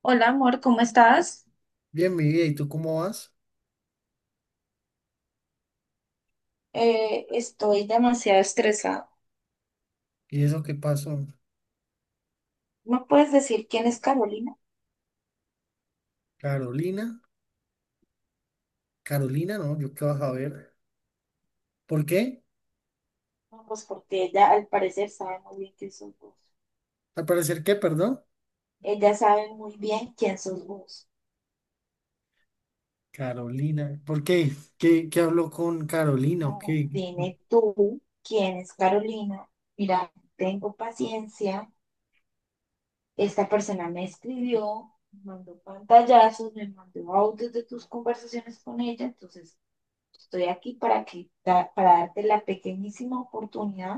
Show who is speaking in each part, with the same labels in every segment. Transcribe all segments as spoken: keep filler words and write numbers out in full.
Speaker 1: Hola amor, ¿cómo estás?
Speaker 2: Bien, mi vida, ¿y tú cómo vas?
Speaker 1: Eh, estoy demasiado estresada.
Speaker 2: ¿Y eso qué pasó?
Speaker 1: ¿No puedes decir quién es Carolina?
Speaker 2: Carolina, Carolina, no, yo qué vas a ver. ¿Por qué?
Speaker 1: No, pues porque ella al parecer sabe muy bien quién sos vos.
Speaker 2: Al parecer, ¿qué, perdón?
Speaker 1: Ella sabe muy bien quién sos vos.
Speaker 2: Carolina, ¿por qué? ¿Qué, qué habló con Carolina o
Speaker 1: No,
Speaker 2: qué?
Speaker 1: dime tú quién es Carolina. Mira, tengo paciencia. Esta persona me escribió, me mandó pantallazos, me mandó audios de tus conversaciones con ella. Entonces, estoy aquí para que, para darte la pequeñísima oportunidad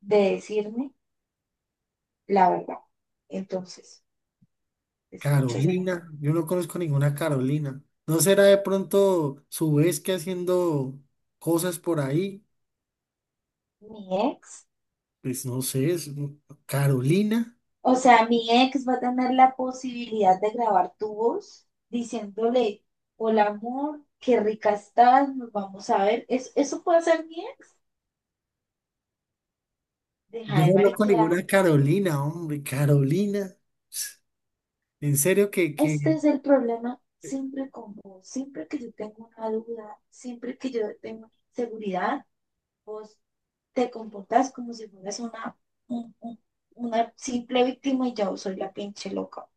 Speaker 1: de decirme. la verdad. Entonces, te escucho, Jonathan.
Speaker 2: Carolina, yo no conozco ninguna Carolina. ¿No será de pronto su vez que haciendo cosas por ahí?
Speaker 1: Mi ex,
Speaker 2: Pues no sé, es- Carolina.
Speaker 1: o sea, mi ex va a tener la posibilidad de grabar tu voz diciéndole, hola amor, qué rica estás, nos vamos a ver. ¿Es- ¿Eso puede ser bien? Deja
Speaker 2: Yo no
Speaker 1: de
Speaker 2: conozco
Speaker 1: mariquear.
Speaker 2: ninguna Carolina, hombre, Carolina. En serio que,
Speaker 1: Este
Speaker 2: que
Speaker 1: es el problema siempre con vos. Siempre que yo tengo una duda, siempre que yo tengo una inseguridad, vos te comportas como si fueras una, un- un- una simple víctima y yo soy la pinche loca.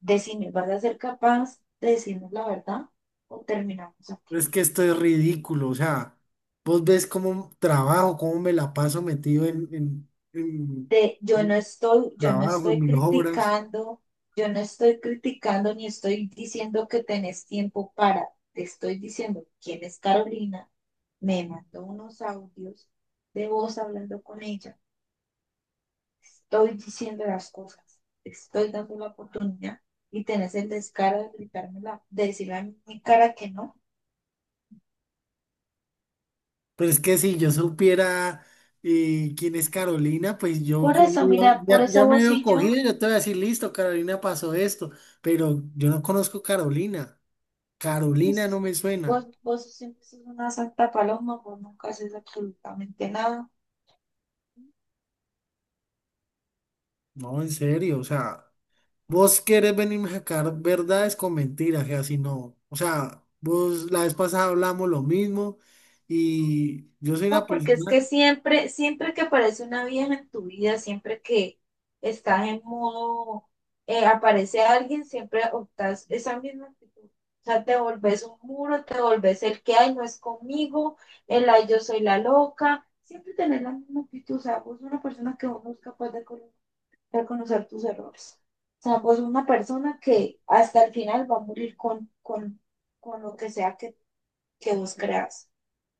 Speaker 1: Decime, ¿vas a ser capaz de decirnos la verdad o terminamos aquí?
Speaker 2: es que esto es ridículo, o sea, vos ves cómo trabajo, cómo me la paso metido en, en, en
Speaker 1: Te- yo no
Speaker 2: mi
Speaker 1: estoy, yo no
Speaker 2: trabajo, en
Speaker 1: estoy
Speaker 2: mis obras.
Speaker 1: criticando, yo no estoy criticando ni estoy diciendo que tenés tiempo para, te estoy diciendo quién es Carolina, me mandó unos audios de voz hablando con ella, estoy diciendo las cosas, te estoy dando la oportunidad y tenés el descaro de gritármela, de decirle a mi cara que no.
Speaker 2: Pero es que si yo supiera eh, quién es Carolina, pues yo
Speaker 1: Por eso,
Speaker 2: cogido,
Speaker 1: mira, por
Speaker 2: ya, ya
Speaker 1: eso
Speaker 2: me
Speaker 1: vos
Speaker 2: veo
Speaker 1: y
Speaker 2: cogido,
Speaker 1: yo.
Speaker 2: yo te voy a decir, listo, Carolina pasó esto, pero yo no conozco Carolina. Carolina
Speaker 1: pues,
Speaker 2: no me suena.
Speaker 1: Vos, vos siempre sos una santa paloma, vos nunca haces absolutamente nada.
Speaker 2: No, en serio, o sea. Vos querés venir a sacar verdades con mentiras, que así no. O sea, vos la vez pasada hablamos lo mismo y yo soy una
Speaker 1: No, porque es que
Speaker 2: persona
Speaker 1: siempre, siempre que aparece una vieja en tu vida, siempre que estás en modo, eh, aparece alguien, siempre optas esa misma actitud. O sea, te volvés un muro, te volvés el que hay, no es conmigo, el ay, yo soy la loca. Siempre tenés la misma actitud. O sea, vos sos una persona que vos no es capaz de colocar. Reconocer tus errores. O sea, pues una persona que hasta el final va a morir con, con, con lo que sea que, que vos creas.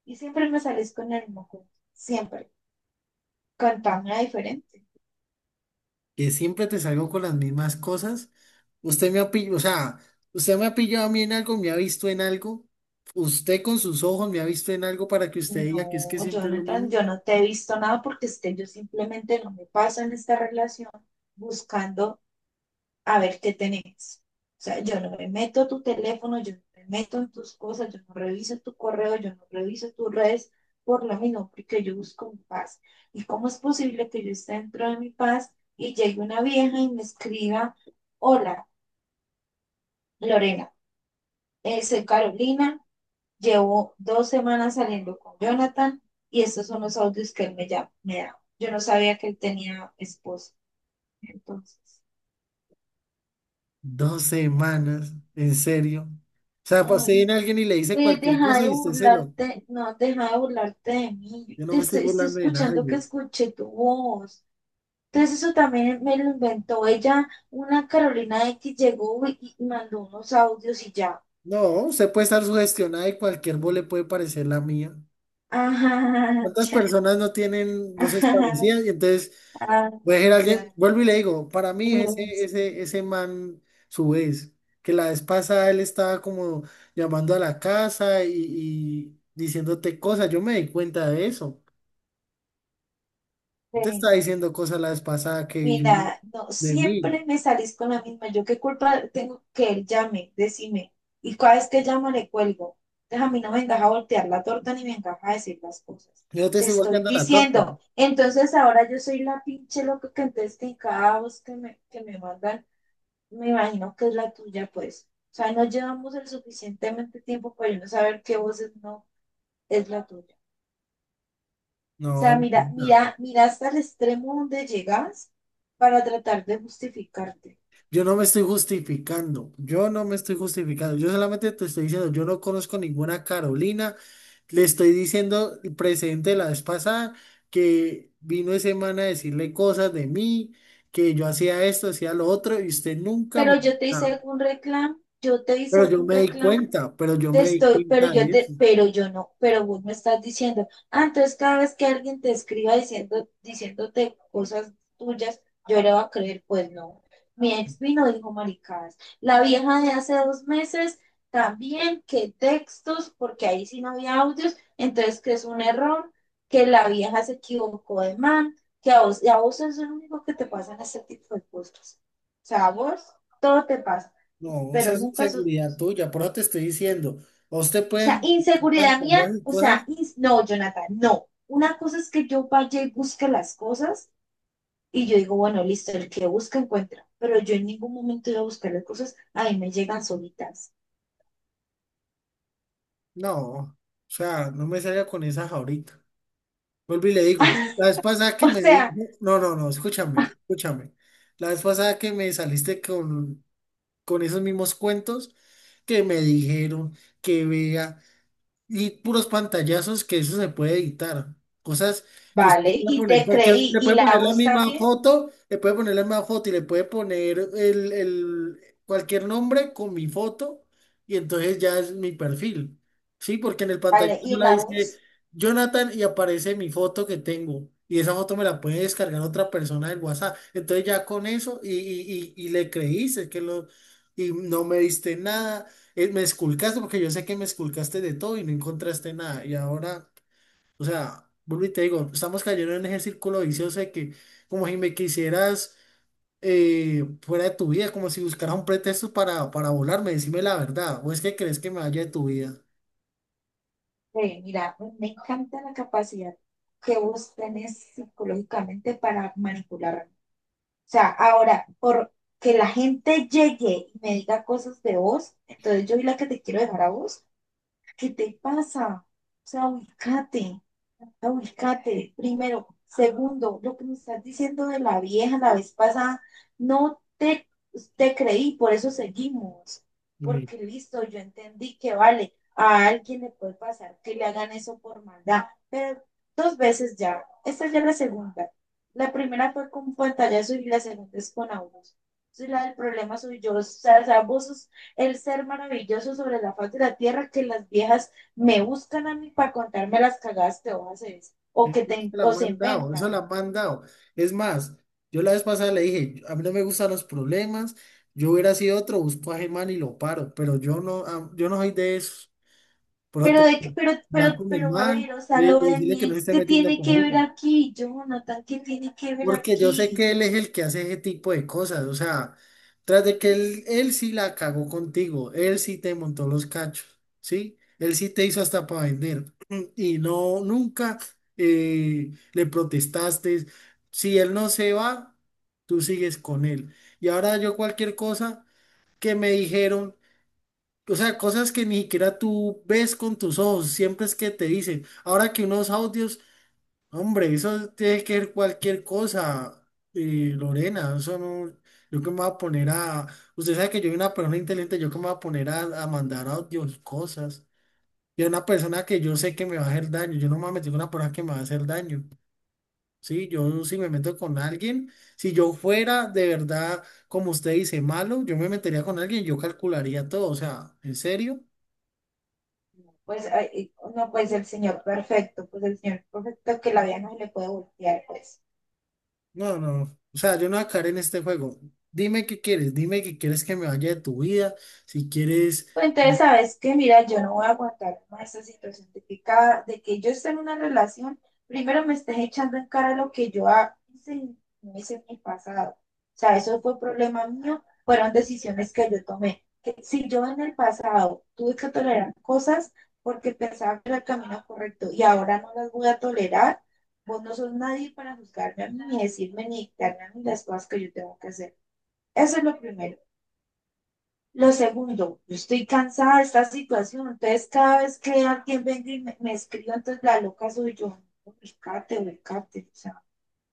Speaker 1: Y siempre me salís con el moco, siempre. Cantame diferente.
Speaker 2: que siempre te salgo con las mismas cosas. Usted me ha pillado, o sea, usted me ha pillado a mí en algo, me ha visto en algo. Usted con sus ojos me ha visto en algo para que usted diga que es que
Speaker 1: No,
Speaker 2: siempre es lo
Speaker 1: Jonathan,
Speaker 2: mismo.
Speaker 1: yo no te he visto nada porque es que yo simplemente no me paso en esta relación buscando a ver qué tenés. O sea, yo no me meto a tu teléfono, yo no me meto en tus cosas, yo no reviso tu correo, yo no reviso tus redes por lo mismo, porque yo busco mi paz. ¿Y cómo es posible que yo esté dentro de mi paz y llegue una vieja y me escriba, hola, Lorena, eh, soy Carolina, llevo dos semanas saliendo con Jonathan y estos son los audios que él me, ya, me da. Yo no sabía que él tenía esposa. Entonces,
Speaker 2: Dos semanas, en serio. O sea, pa- usted
Speaker 1: ay,
Speaker 2: viene a alguien y le dice
Speaker 1: Eh,
Speaker 2: cualquier
Speaker 1: deja
Speaker 2: cosa
Speaker 1: de
Speaker 2: y usted se lo.
Speaker 1: burlarte, no, deja de burlarte de mí. Yo
Speaker 2: Yo no
Speaker 1: te
Speaker 2: me estoy
Speaker 1: estoy, estoy
Speaker 2: burlando de
Speaker 1: escuchando que
Speaker 2: nadie.
Speaker 1: escuché tu voz. Entonces eso también me lo inventó ella, una Carolina X llegó y, y mandó unos audios y ya.
Speaker 2: No, usted puede estar sugestionada y cualquier voz le puede parecer la mía.
Speaker 1: Ajá,
Speaker 2: ¿Cuántas
Speaker 1: ya,
Speaker 2: personas no tienen voces
Speaker 1: ajá,
Speaker 2: parecidas? Y entonces,
Speaker 1: ah,
Speaker 2: voy a decir a alguien,
Speaker 1: ya.
Speaker 2: vuelvo y le digo, para mí ese, ese, ese man, su vez, que la vez pasada él estaba como llamando a la casa y, y diciéndote cosas, yo me di cuenta de eso. Te estaba
Speaker 1: Sí.
Speaker 2: diciendo cosas la vez pasada que yo no,
Speaker 1: Mira, no,
Speaker 2: de mí.
Speaker 1: siempre me salís con la misma. ¿Yo qué culpa tengo que él llame? Decime. Y cada vez que llamo le cuelgo. Entonces a mí no me encaja voltear la torta ni me encaja decir las cosas.
Speaker 2: Yo no te
Speaker 1: Te
Speaker 2: estoy
Speaker 1: estoy
Speaker 2: volteando la torta.
Speaker 1: diciendo. Entonces ahora yo soy la pinche loca que entonces que en cada voz que me, que me mandan, me imagino que es la tuya, pues. O sea, no llevamos el suficientemente tiempo para yo no saber qué voces no es la tuya. O
Speaker 2: No,
Speaker 1: sea, mira,
Speaker 2: no. No.
Speaker 1: mira, mira hasta el extremo donde llegas para tratar de justificarte.
Speaker 2: Yo no me estoy justificando, yo no me estoy justificando, yo solamente te estoy diciendo, yo no conozco ninguna Carolina, le estoy diciendo el presente la vez pasada que vino ese man a decirle cosas de mí, que yo hacía esto, hacía lo otro, y usted nunca
Speaker 1: Pero
Speaker 2: me...
Speaker 1: yo te hice
Speaker 2: Ah,
Speaker 1: algún reclamo, yo te hice
Speaker 2: pero yo
Speaker 1: algún
Speaker 2: me di
Speaker 1: reclamo
Speaker 2: cuenta, pero yo
Speaker 1: te
Speaker 2: me di
Speaker 1: estoy, pero
Speaker 2: cuenta
Speaker 1: yo
Speaker 2: de eso.
Speaker 1: te, pero yo no, pero vos me estás diciendo, ah, entonces cada vez que alguien te escriba diciendo, diciéndote cosas tuyas, yo le voy a creer, pues no. Mi ex vino dijo maricadas. La vieja de hace dos meses también, que textos, porque ahí sí no había audios, entonces que es un error, que la vieja se equivocó de man, que a vos, y a vos es lo único que te pasan este tipo de cosas. O sea, a vos todo te pasa,
Speaker 2: No, esa
Speaker 1: pero
Speaker 2: es
Speaker 1: nunca sos
Speaker 2: inseguridad
Speaker 1: vos.
Speaker 2: tuya, por eso te estoy diciendo, ¿a usted
Speaker 1: O sea,
Speaker 2: pueden
Speaker 1: inseguridad mía,
Speaker 2: pantalones y
Speaker 1: o sea,
Speaker 2: cosas?
Speaker 1: ins- no, Jonathan, no. Una cosa es que yo vaya y busque las cosas y yo digo, bueno, listo, el que busca encuentra, pero yo en ningún momento iba a buscar las cosas, a mí me llegan solitas.
Speaker 2: No, o sea, no me salga con esas ahorita. Vuelvo y le digo, la vez pasada que
Speaker 1: O
Speaker 2: me di,
Speaker 1: sea,
Speaker 2: no, no, no, no, escúchame, escúchame. La vez pasada que me saliste con, con esos mismos cuentos que me dijeron que vea y puros pantallazos que eso se puede editar. Cosas que usted
Speaker 1: vale,
Speaker 2: le puede
Speaker 1: y
Speaker 2: poner,
Speaker 1: te
Speaker 2: cualquier-
Speaker 1: creí,
Speaker 2: le
Speaker 1: y
Speaker 2: puede
Speaker 1: la
Speaker 2: poner la
Speaker 1: voz
Speaker 2: misma
Speaker 1: también,
Speaker 2: foto, le puede poner la misma foto y le puede poner el, el- cualquier nombre con mi foto y entonces ya es mi perfil. Sí, porque en el pantallazo
Speaker 1: vale,
Speaker 2: no
Speaker 1: y
Speaker 2: la
Speaker 1: la
Speaker 2: dice
Speaker 1: voz,
Speaker 2: Jonathan y aparece mi foto que tengo. Y esa foto me la puede descargar otra persona del WhatsApp. Entonces ya con eso y, y, y, y le creíste que lo... Y no me diste nada eh, me esculcaste porque yo sé que me esculcaste de todo y no encontraste nada. Y ahora, o sea, vuelvo y te digo, estamos cayendo en ese círculo vicioso de que como si me quisieras eh, fuera de tu vida, como si buscaras un pretexto para, para volarme, decime la verdad. ¿O es que crees que me vaya de tu vida?
Speaker 1: eh, mira, me encanta la capacidad que vos tenés psicológicamente para manipular sea, ahora, por que la gente llegue y me diga cosas de vos, entonces yo soy la que te quiero dejar a vos, ¿qué te pasa? O sea, ubícate, ubícate, primero. Segundo, lo que me estás diciendo de la vieja la vez pasada, no te, te creí, por eso seguimos.
Speaker 2: Uy,
Speaker 1: Porque listo, yo entendí que vale, a alguien le puede pasar que le hagan eso por maldad, pero dos veces ya. Esta ya es la segunda. La primera fue con pantallazo y la segunda es con abuso. Entonces, la del problema soy yo. O sea, o sea, vos sos el ser maravilloso sobre la faz de la tierra que las viejas me buscan a mí para contarme las cagadas que vos haces o
Speaker 2: eso
Speaker 1: que te,
Speaker 2: se la
Speaker 1: o
Speaker 2: han
Speaker 1: se
Speaker 2: mandado, eso
Speaker 1: inventan.
Speaker 2: la han mandado. Es más, yo la vez pasada le dije, a mí no me gustan los problemas, yo hubiera sido otro, busco a Germán y lo paro, pero yo no, ah, yo no soy de eso.
Speaker 1: Pero,
Speaker 2: Prote,
Speaker 1: de, que- pero, pero,
Speaker 2: hablar con mi
Speaker 1: pero, a
Speaker 2: hermano,
Speaker 1: ver, o sea,
Speaker 2: eh,
Speaker 1: lo de
Speaker 2: decirle
Speaker 1: mi
Speaker 2: que no se
Speaker 1: ex,
Speaker 2: esté
Speaker 1: ¿qué
Speaker 2: metiendo
Speaker 1: tiene que
Speaker 2: conmigo.
Speaker 1: ver aquí? Jonathan, ¿qué tiene que ver
Speaker 2: Porque yo sé que
Speaker 1: aquí?
Speaker 2: él es el que hace ese tipo de cosas. O sea, tras de que él, él sí la cagó contigo, él sí te montó los cachos, ¿sí? Él sí te hizo hasta para vender. Y no, nunca eh, le protestaste. Si él no se va, tú sigues con él. Y ahora yo cualquier cosa que me dijeron. O sea, cosas que ni siquiera tú ves con tus ojos, siempre es que te dicen. Ahora que unos audios, hombre, eso tiene que ser cualquier cosa, eh, Lorena, eso no, yo que me voy a poner a, usted sabe que yo soy una persona inteligente, yo que me voy a poner a, a mandar audios, cosas. Y a una persona que yo sé que me va a hacer daño, yo no me voy a meter con una persona que me va a hacer daño. Sí, yo si me meto con alguien, si yo fuera de verdad, como usted dice, malo, yo me metería con alguien, yo calcularía todo, o sea, en serio.
Speaker 1: No, Pues, ay, no, pues el señor perfecto, pues el señor perfecto que la vida no se le puede voltear, pues.
Speaker 2: No, no. No. O sea, yo no voy a caer en este juego. Dime qué quieres, dime que quieres que me vaya de tu vida. Si quieres,
Speaker 1: Pues entonces,
Speaker 2: me
Speaker 1: ¿sabes qué? Mira, yo no voy a aguantar más esa situación de que, cada, de que yo esté en una relación, primero me estés echando en cara lo que yo ha- hice en meses en el pasado. O sea, eso fue problema mío, fueron decisiones que yo tomé. Que si yo en el pasado tuve que tolerar cosas porque pensaba que era el camino correcto y ahora no las voy a tolerar, vos no sos nadie para juzgarme a mí, ni decirme, ni dictarme a mí las cosas que yo tengo que hacer. Eso es lo primero. Lo segundo, yo estoy cansada de esta situación, entonces cada vez que alguien venga y me, me escriba, entonces la loca soy yo. Ubicate, ubicate. O sea,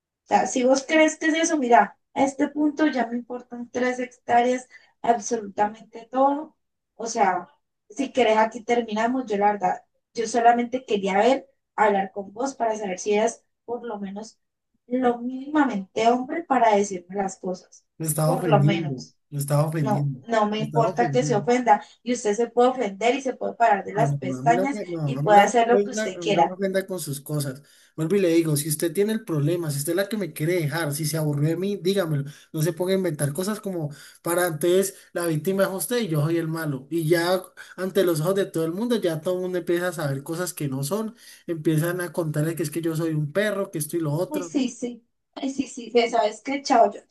Speaker 1: o sea, si vos crees que es eso, mira, a este punto ya me importan tres hectáreas, absolutamente todo. O sea, si querés aquí terminamos, yo la verdad, yo solamente quería ver, hablar con vos para saber si eras por lo menos lo mínimamente hombre para decirme las cosas,
Speaker 2: estaba
Speaker 1: por lo
Speaker 2: ofendiendo,
Speaker 1: menos.
Speaker 2: me estaba
Speaker 1: No,
Speaker 2: ofendiendo,
Speaker 1: no me
Speaker 2: me estaba
Speaker 1: importa que se
Speaker 2: ofendiendo.
Speaker 1: ofenda y usted se puede ofender y se puede parar de
Speaker 2: No,
Speaker 1: las
Speaker 2: no, no, a mí no,
Speaker 1: pestañas
Speaker 2: me- no,
Speaker 1: y
Speaker 2: a mí
Speaker 1: puede
Speaker 2: no me
Speaker 1: hacer lo que
Speaker 2: ofenda,
Speaker 1: usted
Speaker 2: a mí no me
Speaker 1: quiera.
Speaker 2: ofenda con sus cosas. Vuelvo y le digo, si usted tiene el problema, si usted es la que me quiere dejar, si se aburrió de mí, dígamelo. No se ponga a inventar cosas como para antes la víctima es usted y yo soy el malo. Y ya ante los ojos de todo el mundo, ya todo el mundo empieza a saber cosas que no son. Empiezan a contarle que es que yo soy un perro, que esto y lo
Speaker 1: Ay,
Speaker 2: otro.
Speaker 1: sí, sí. Ay, sí, sí, Fe, ¿sabes qué? Chao, yo.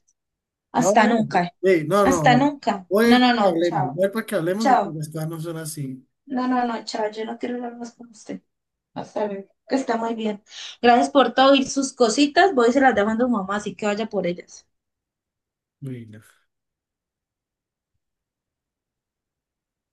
Speaker 2: No,
Speaker 1: Hasta
Speaker 2: no,
Speaker 1: nunca.
Speaker 2: eh, no, no,
Speaker 1: Hasta
Speaker 2: no.
Speaker 1: nunca.
Speaker 2: Voy a
Speaker 1: No,
Speaker 2: ir
Speaker 1: no,
Speaker 2: para que
Speaker 1: no,
Speaker 2: hablemos,
Speaker 1: chao.
Speaker 2: voy a ir para que hablemos porque
Speaker 1: Chao.
Speaker 2: las cosas no son así.
Speaker 1: No, no, no, chao. Yo no quiero hablar más con usted. Hasta luego. Que está muy bien. Gracias por todo y sus cositas. Voy y se las dejo a su mamá, así que vaya por ellas.
Speaker 2: Bueno.